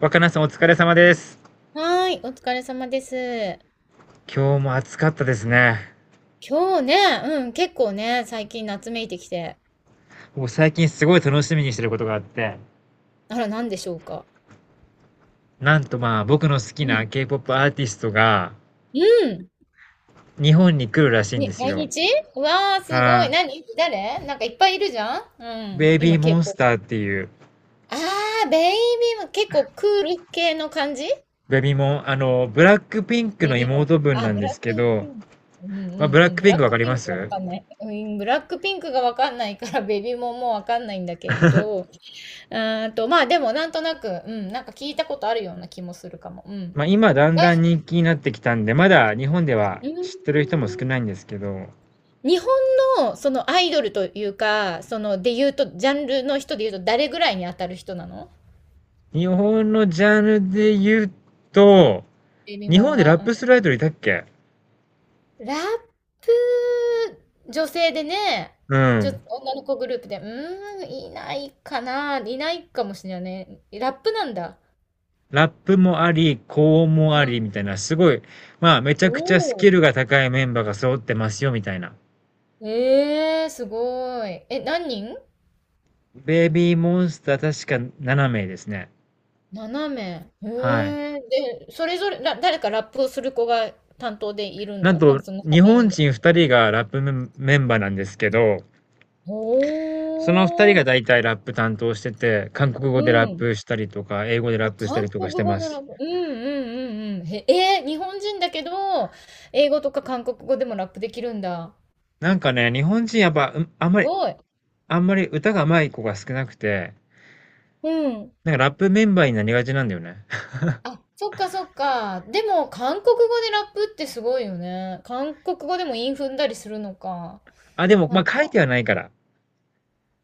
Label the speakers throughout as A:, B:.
A: 若菜さんお疲れ様です。
B: はーい、お疲れ様です。
A: 今日も暑かったですね。
B: 今日ね、うん、結構ね、最近夏めいてきて。
A: もう最近すごい楽しみにしてることがあって、
B: あら、なんでしょうか。
A: なんとまあ僕の好き
B: う
A: な
B: ん。
A: K-POP アーティストが
B: うん。
A: 日本に来るらしいんで
B: に、
A: す
B: 来
A: よ。
B: 日うわー、すごい。
A: はい。
B: 何誰なんかいっぱいいるじゃんう
A: ベ
B: ん。
A: イビ
B: 今、
A: ーモ
B: k
A: ン
B: 構
A: スタ
B: o
A: ーっていう、
B: あー、ベイビーも結構クール系の感じ
A: ベイビーモン、あの、ブラックピンク
B: ベイ
A: の
B: ビーも。
A: 妹分
B: あ、
A: なん
B: ブ
A: で
B: ラック
A: すけ
B: ピ
A: ど、
B: ンク。うんう
A: まあ
B: ん
A: ブラッ
B: うん。
A: ク
B: ブ
A: ピン
B: ラッ
A: クわ
B: ク
A: かり
B: ピ
A: ま
B: ンクがわ
A: す？
B: かんない。うん、ブラックピンクがわかんないから、ベイビーももうわかんないんだけど。うーんと、まあでもなんとなく、うん、なんか聞いたことあるような気もするかも。うん。
A: まあ今だん
B: はい。
A: だん人気になってきたんで、まだ日本では知ってる
B: う
A: 人も少ないん
B: ん。
A: ですけど、
B: 日本のそのアイドルというか、そので言うと、ジャンルの人で言うと誰ぐらいに当たる人なの
A: 日本のジャンルで言うと、
B: エミ
A: 日
B: モン
A: 本で
B: は。
A: ラップす
B: う
A: るアイドルいたっけ。
B: ん。ラップ、女性でね、
A: う
B: 女、
A: ん。
B: 女の子グループで、うーん、いないかな、いないかもしれないね。ラップなんだ。
A: ラップもあり、高音もあ
B: う
A: り
B: ん。
A: みたいな、すごい、まあ、めち
B: お
A: ゃくちゃスキ
B: お。
A: ルが高いメンバーが揃ってますよみたいな。
B: ええー、すごい。え、何人
A: ベイビーモンスター確か7名ですね。
B: 斜めへ
A: はい。
B: え。で、それぞれ、ら誰かラップをする子が担当でいる
A: なん
B: のなん
A: と、
B: かその中
A: 日
B: メイ
A: 本
B: ンで。
A: 人2人がラップメンバーなんですけど、その2人
B: お
A: が
B: ー。
A: だいたいラップ担当してて、韓国
B: う
A: 語でラッ
B: ん。
A: プしたりとか、英語でラ
B: あ、
A: ップした
B: 韓
A: りとか
B: 国
A: して
B: 語
A: ま
B: のラ
A: す。
B: ップ。うん。へ、えー日本人だけど、英語とか韓国語でもラップできるんだ。
A: なんかね、日本人やっぱ、うん、あん
B: す
A: まり、
B: ごい。
A: 歌が上手い子が少なくて、
B: うん。
A: なんかラップメンバーになりがちなんだよね。
B: あ、そっかそっか。でも、韓国語でラップってすごいよね。韓国語でも韻踏んだりするのか。
A: あ、でも、
B: な
A: ま
B: ん
A: あ、書いて
B: か、
A: はないから。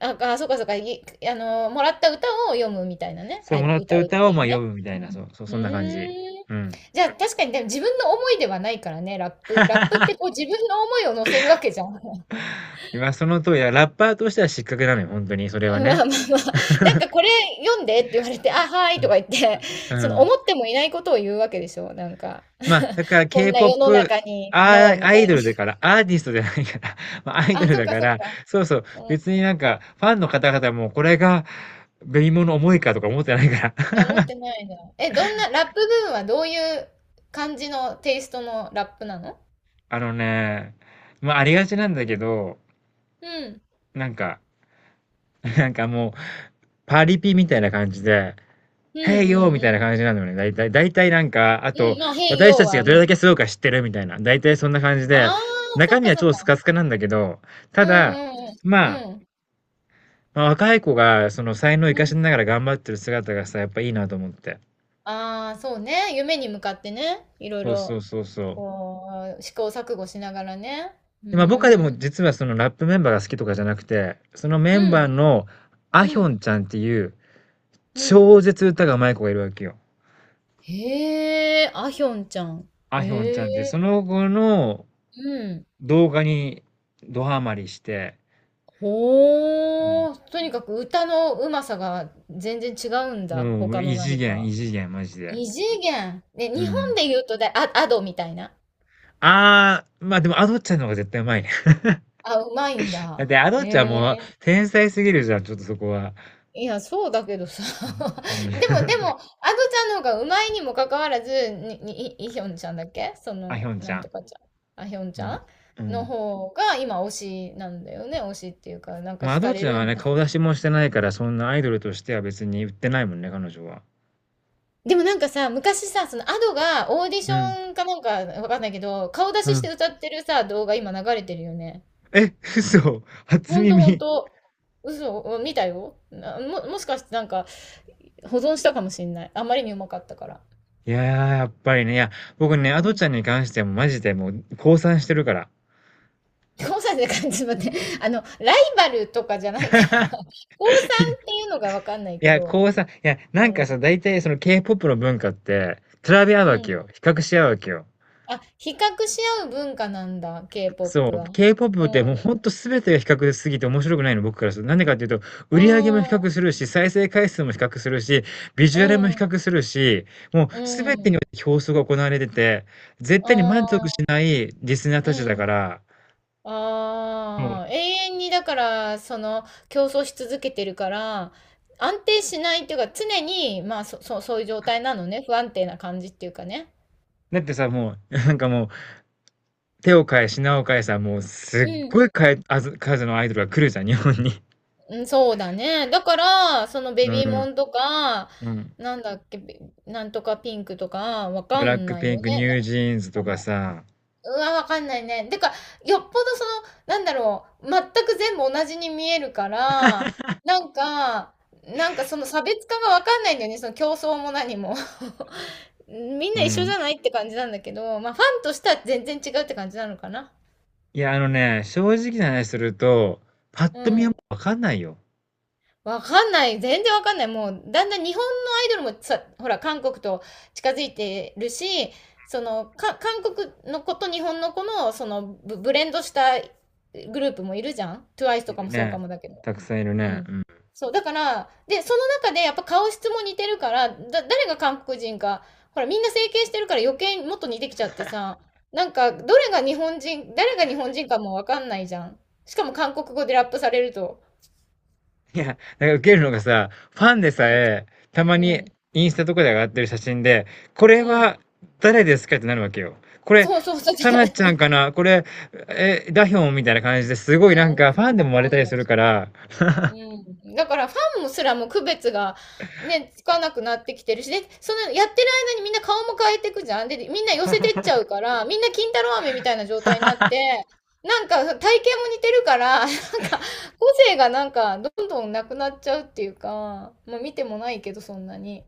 B: そうかそうか、い、あの、もらった歌を読むみたいなね。
A: そ
B: あ、
A: う、もらった
B: 歌うっ
A: 歌
B: て
A: を
B: い
A: ま
B: う
A: あ
B: ね。
A: 読むみた
B: う
A: いな、そ
B: ん。
A: う、そう、
B: う
A: そんな感じ。
B: ーん。
A: うん。
B: じゃあ確かにでも自分の思いではないからね、ラップ。ラップってこう 自分の思いを乗せるわけじゃん。ま
A: 今その通りだ。ラッパーとしては失格なのよ、本当に、それ
B: あ
A: は
B: ま
A: ね。
B: あまあ、なんかこれ読んでって言われて、あ、はー
A: う
B: いと
A: ん。
B: か言って、そ
A: う
B: の
A: ん。
B: 思ってもいないことを言うわけでしょ、なんか。
A: まあ、だから
B: こんな世の
A: K-POP、
B: 中に、ノ
A: ア
B: ーみ
A: ア
B: た
A: イ
B: いな。
A: ドルだから、アーティストじゃないから、まあ、アイド
B: あ、
A: ル
B: そっ
A: だ
B: か
A: か
B: そっ
A: ら、
B: か。
A: そうそう、
B: うん。
A: 別になんか、ファンの方々もこれが、紅物重いかとか思ってないから。
B: あ、持ってないな。え、どんな、ラップ部分はどういう感じのテイストのラップなの
A: あのね、まあ、ありがちなんだけど、
B: うん。
A: なんか、なんかもう、パリピみたいな感じで、
B: うん
A: へいよー
B: うん
A: み
B: う
A: たいな
B: ん。
A: 感じなのよね。だいたいなんか、あ
B: う
A: と、
B: ん、まあ、変
A: 私
B: 用
A: たち
B: は、
A: が
B: う
A: どれだけ
B: ん。
A: すごいか知ってるみたいな。だいたいそんな感じ
B: あ
A: で、
B: あ、そ
A: 中
B: っ
A: 身
B: か
A: は
B: そっ
A: 超ス
B: か。
A: カスカなんだけど、た
B: う
A: だ、
B: んうんう
A: ま
B: ん。うん。
A: あ、若い子がその才能を生
B: う
A: かし
B: ん。
A: ながら頑張ってる姿がさ、やっぱいいなと思って。
B: ああ、そうね。夢に向かってね。いろい
A: そうそ
B: ろ、
A: うそうそう。
B: こう、試行錯誤しながらね。う
A: で、まあ、僕はで
B: ー
A: も
B: ん。
A: 実はそのラップメンバーが好きとかじゃなくて、そのメ
B: う
A: ンバー
B: ん。
A: のアヒ
B: う
A: ョ
B: ん。
A: ンちゃんっていう
B: うん。
A: 超絶歌が上手い子がいるわけよ。
B: へえ、あひょんちゃん。
A: アヒョンち
B: え
A: ゃんっていう、そ
B: え、
A: の子の
B: うん。
A: 動画にドハマりして。うん。
B: ほー。とにかく歌のうまさが全然違うんだ。
A: もう、
B: 他の
A: 異次
B: 何
A: 元、
B: か。
A: 異次元、マジで。
B: 異次元。ね、
A: う
B: 日本
A: ん。
B: で言うとだ、あ、アドみたいな。
A: ああ、まあでも、アドッチャの方が絶対うまいね。
B: あ、うまいん
A: だっ
B: だ。
A: て、アド
B: え
A: ッチャもう、
B: え。
A: 天才すぎるじゃん、ちょっとそこは。
B: いや、そうだけどさ。
A: うん。
B: でも でも、アドちゃんの方がうまいにもかかわらず、イイヒョンちゃんだっけそ
A: あヒ
B: の、
A: ョンち
B: な
A: ゃ
B: ん
A: ん。
B: とかちゃん。あ、ヒョン
A: う
B: ちゃ
A: ん。う
B: んの
A: ん。
B: 方が今推しなんだよね。推しっていうか、なんか
A: まあ、ア
B: 惹
A: ドッ
B: かれ
A: チャ
B: る
A: は
B: ん
A: ね、
B: だ。
A: 顔出しもしてないから、そんなアイドルとしては別に売ってないもんね、彼女は。
B: でもなんかさ、昔さ、そのアドがオーディシ
A: うん。
B: ョンかなんかわかんないけど、顔出
A: う
B: しし
A: ん。
B: て歌ってるさ、動画今流れてるよね。
A: え、嘘。初
B: ほんとほん
A: 耳。
B: と。嘘、見たよ。なも、もしかしてなんか保存したかもしんない。あまりにうまかったから。
A: いやー、やっぱりね、いや、僕ね、ア
B: う
A: ド
B: ん。
A: ちゃんに関してはもうマジでもう、降参してるから。
B: 4歳で感じまって、あの、ライバルとかじゃないから、高さんっていうのがわかんない
A: い
B: け
A: や、
B: ど、
A: こうさ、いや、な
B: う
A: んか
B: ん。
A: さ、大体その K-POP の文化って、比べ合う
B: う
A: わけ
B: ん。
A: よ。比較し合うわけよ。
B: あ、比較し合う文化なんだ、
A: そ
B: K-POP
A: う。
B: は。
A: K-POP っても
B: う
A: う
B: ん。
A: ほんと全てが比較すぎて面白くないの、僕からすると。なんでかっていうと、売
B: う
A: り上げも比
B: ん。
A: 較するし、再生回数も比較するし、ビジ
B: う
A: ュアルも比
B: ん。
A: 較するし、もう
B: う
A: 全てにお
B: ん。
A: いて競争が行われてて、絶
B: あ
A: 対に満足し
B: あ、
A: ないリスナー
B: う
A: たちだか
B: ん。
A: ら、もう、
B: ああ、永遠にだから、その、競争し続けてるから、安定しないっていうか、常に、まあ、そういう状態なのね。不安定な感じっていうかね。
A: だってさ、もう、なんかもう、手を変え品を変えさ、もう
B: う
A: すっ
B: ん。
A: ごい変えあず数のアイドルが来るじゃん、日本に。
B: うん、そうだね。だから、そのベ
A: う
B: ビー
A: ん、
B: モンとか、
A: うん。
B: なんだっけ、べなんとかピンクとか、わ
A: ブ
B: か
A: ラッ
B: ん
A: ク
B: ない
A: ピ
B: よ
A: ンク、ニ
B: ね。な
A: ュージーンズ
B: 名
A: とか
B: 前
A: さ。
B: うわ、わかんないね。てか、よっぽどその、なんだろう、全く全部同じに見えるから、なんか、なんかその差別化がわかんないんだよね。その競争も何も。みん
A: う
B: な一緒じ
A: ん。
B: ゃないって感じなんだけど、まあファンとしては全然違うって感じなのかな。
A: いや、あのね、正直な話すると、パッ
B: う
A: と見はも
B: ん。
A: うわかんないよ。
B: わかんない。全然わかんない。もう、だんだん日本のアイドルもさ、ほら、韓国と近づいてるし、その、か、韓国の子と日本の子の、その、ブ、ブレンドしたグループもいるじゃん ?TWICE と
A: い
B: か
A: る
B: もそうか
A: ね。
B: もだけど。
A: たくさんいる
B: う
A: ね。
B: ん。
A: うん。
B: そう、だから、で、その中でやっぱ顔質も似てるから、だ、誰が韓国人か、ほら、みんな整形してるから余計にもっと似てきちゃってさ、なんか、どれが日本人、誰が日本人かもわかんないじゃん。しかも韓国語でラップされると。
A: いや、なんかウケるのがさ、ファンで
B: う
A: さ
B: ん、
A: え、たまに
B: うん、
A: インスタとかで上がってる写真で、これ
B: うん。
A: は誰ですかってなるわけよ。これ、
B: そうそうそう。じゃ
A: サ ナちゃん
B: う
A: かなこれ、え、ダヒョンみたいな感じですごいなん
B: ん、
A: かフ
B: そ
A: ァン
B: う、
A: で
B: わ
A: も割れた
B: かん
A: り
B: な
A: す
B: い
A: る
B: し。
A: から。
B: うん。だからファンもすらも区別がね、つかなくなってきてるし、で、そのやってる間にみんな顔も変えていくじゃん。で、みんな寄せてっちゃうから、みんな金太郎飴みたいな状態になって、なんか体型も似てるから、なんか個性がなんかどんどんなくなっちゃうっていうか、まあ見てもないけどそんなに。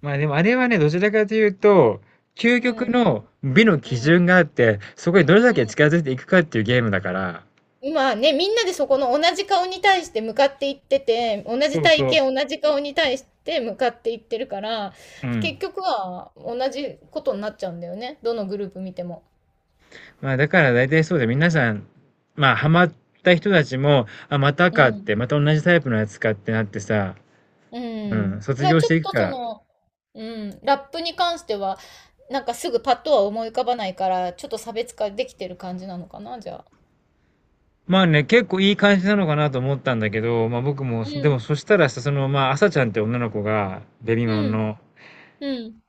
A: まあでもあれはね、どちらかというと、究
B: う
A: 極
B: ん。
A: の美の基
B: うん。
A: 準があって、そこにどれ
B: う
A: だけ
B: ん。
A: 近づいていくかっていうゲームだから、
B: 今ね、みんなでそこの同じ顔に対して向かっていってて、同じ
A: そう
B: 体
A: そう。
B: 型、同じ顔に対して向かっていってるから、
A: うん。
B: 結局は同じことになっちゃうんだよね。どのグループ見ても。
A: まあだから大体そうで皆さん、まあハマった人たちも、あ、また
B: う
A: かっ
B: ん。
A: て、また同じタイプのやつかってなってさ、
B: う
A: う
B: ん。
A: ん、卒
B: まあ
A: 業し
B: ちょっ
A: ていく
B: と
A: か
B: そ
A: ら。
B: の、うん、ラップに関しては、なんかすぐパッとは思い浮かばないから、ちょっと差別化できてる感じなのかな、じゃあ。
A: まあね、結構いい感じなのかなと思ったんだけど、まあ僕も、
B: う
A: でも
B: ん。
A: そしたらさ、その、まあ、朝ちゃんって女の子が、ベビモ
B: う
A: ン
B: ん。
A: の、
B: うん。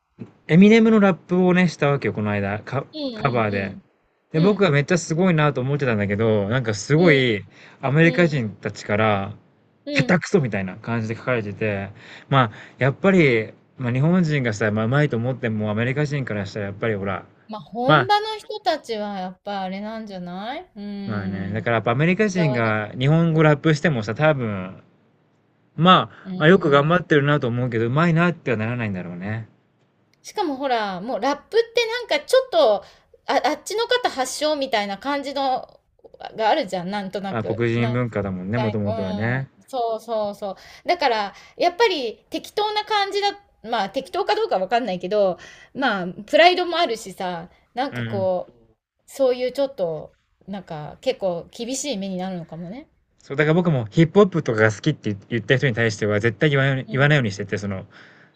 A: エミネムのラップをね、したわけよ、この間、
B: う
A: カバーで。
B: ん。うん。
A: で、
B: う
A: 僕が
B: ん。
A: めっちゃすごいなと思ってたんだけど、なんかす
B: う
A: ご
B: ん。
A: い、アメ
B: う
A: リカ
B: ん。うん。
A: 人たちから、
B: うん
A: 下
B: う
A: 手
B: ん
A: くそみたいな感じで書かれてて、まあ、やっぱり、まあ日本人がさ、まあ、うまいと思っても、アメリカ人からしたらやっぱりほら、
B: まあ、
A: まあ、
B: 本場の人たちはやっぱあれなんじゃないう
A: まあね、
B: ー
A: だ
B: ん。
A: からやっぱアメリカ
B: こだ
A: 人
B: わりが。
A: が日本語ラップしてもさ、多分、ま
B: う
A: あ、
B: ん
A: まあよく頑
B: う
A: 張って
B: ん。
A: るなと思うけど、うまいなってはならないんだろうね。
B: しかもほら、もうラップってなんかちょっと、あ、あっちの方発祥みたいな感じの、があるじゃん、なんとな
A: まあ、
B: く。
A: 黒
B: な
A: 人
B: んか、
A: 文化だもんね、もとも
B: う
A: とはね。
B: ん。そうそうそう。だから、やっぱり適当な感じだ、まあ適当かどうかわかんないけど、まあ、プライドもあるしさ、なん
A: う
B: か
A: ん。
B: こう、そういうちょっと、なんか結構厳しい目になるのかもね。
A: そう、だから僕もヒップホップとかが好きって言った人に対しては絶対言わないようにしてて、その、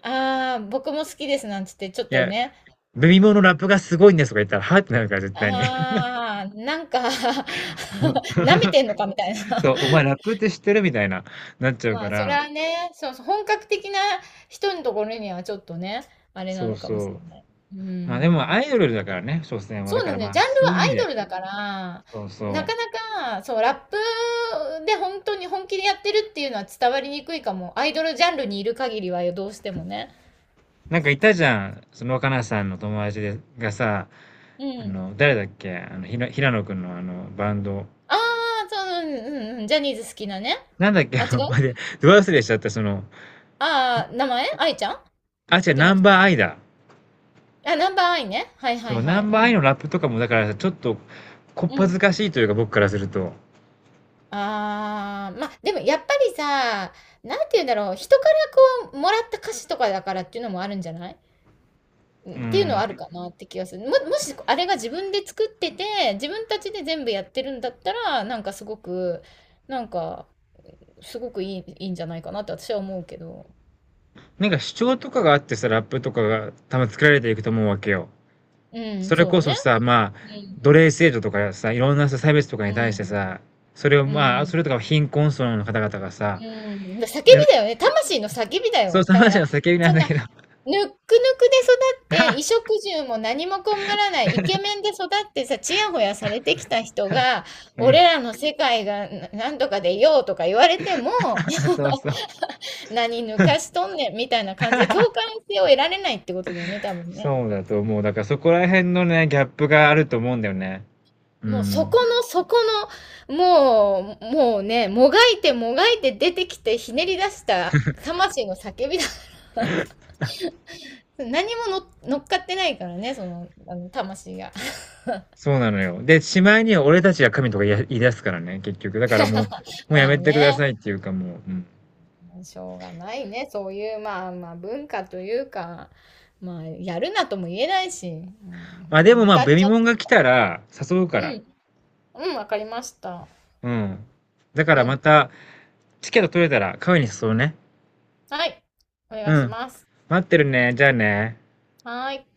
B: ああ、僕も好きですなんつって、ちょっ
A: い
B: と
A: や、
B: ね、
A: ベビモのラップがすごいんですとか言ったら、は？ってなるから絶対に。
B: ああ、なんか 舐めてんのかみたいな。
A: そう、お前ラップって知ってる？みたいな、なっちゃう
B: ま
A: か
B: あ、それ
A: ら、
B: はね、そうそう、本格的な人のところにはちょっとね、あれな
A: そう
B: のかも
A: そ
B: しれ
A: う。
B: ない。う
A: まあでも
B: ん。
A: アイドルだからね、所詮は。
B: そ
A: だ
B: う
A: か
B: な
A: ら
B: んだよ。
A: まあ、
B: ジャンル
A: そういう意
B: はア
A: 味
B: イ
A: で、
B: ドルだから、
A: そうそ
B: なか
A: う。
B: なか、そう、ラップで本当に本気でやってるっていうのは伝わりにくいかも。アイドルジャンルにいる限りはよ、どうしてもね。
A: なんかいたじゃん、その、かなさんの友達でがさ、
B: う
A: あ
B: ん。
A: の、誰だっけ、あの、平野くんのあの、バンド。
B: ああ、そう、うん、うん、うんジャニーズ好きなね。
A: なんだっけ、
B: あ、違
A: あの、ま
B: う
A: で、ど忘れしちゃった、その、
B: ああ、名前愛ちゃん
A: あ、違う、
B: じゃ
A: ナ
B: なく
A: ンバ
B: て。
A: ーアイだ。
B: あ、ナンバーアイね。はいは
A: そ
B: い
A: う、
B: は
A: ナ
B: い。
A: ンバー
B: う
A: アイ
B: ん。
A: のラップとかも、だからちょっと、こっ
B: う
A: ぱず
B: ん。
A: かしいというか、僕からすると。
B: ああ、まあ、でもやっぱりさ、なんて言うんだろう。人からこう、もらった歌詞とかだからっていうのもあるんじゃないう
A: う
B: んっていうのは
A: ん。
B: あるかなって気がする。もしあれが自分で作ってて、自分たちで全部やってるんだったら、なんかすごく、なんか、すごくいい、いいんじゃないかなって私は思うけど。
A: なんか主張とかがあってさ、ラップとかが多分作られていくと思うわけよ。
B: うん、
A: それ
B: そうだ
A: こ
B: ね。
A: そさ、まあ、
B: うん。
A: 奴隷制度とかさ、いろんなさ、差別とか
B: う
A: に対して
B: ん。
A: さ、それを
B: う
A: まあ、それ
B: ん。
A: とか貧困層の方々がさ、
B: うん、叫び
A: やる
B: だよね。魂の叫びだ
A: そう、
B: よ。
A: その
B: だか
A: 話
B: ら、
A: の叫びなん
B: そん
A: だ
B: な、
A: けど。
B: ぬっくぬくで育って、衣 食住も何も困らない、イケメンで育ってさ、ちやほやされてきた人が、
A: う
B: 俺
A: ん。
B: らの世界がななんとかでいようとか言われても、
A: そうそう。
B: 何抜かしとんねんみたいな感じで共感性を得られないってことだよね、多分ね。
A: そうだと思う。だからそこら辺のね、ギャップがあると思うんだよね。う
B: もうそこ
A: ん。
B: の、そこの、もう、もうね、もがいてもがいて出てきてひねり出した魂の叫びだ何もの乗っかってないからね、その、あの、魂が。
A: そうなのよ。で、しまいには俺たちが神とか言い出すからね、結局。だからもう、もうや
B: ま
A: め
B: あ
A: てく
B: ね、
A: ださいっていうかもう、うん。
B: しょうがないね。そういう、まあまあ、文化というか、まあ、やるなとも言えないし、
A: まあで
B: う
A: も
B: ん、
A: まあ、
B: 歌っ
A: ベ
B: ち
A: ミ
B: ゃっ
A: モン
B: て。
A: が来たら誘う
B: う
A: から。
B: ん、うん、わかりました。
A: うん。だか
B: う
A: らま
B: ん。
A: た、チケット取れたらカフェに誘うね。
B: はい、お願
A: う
B: いし
A: ん。
B: ます。
A: 待ってるね。じゃあね。
B: はーい。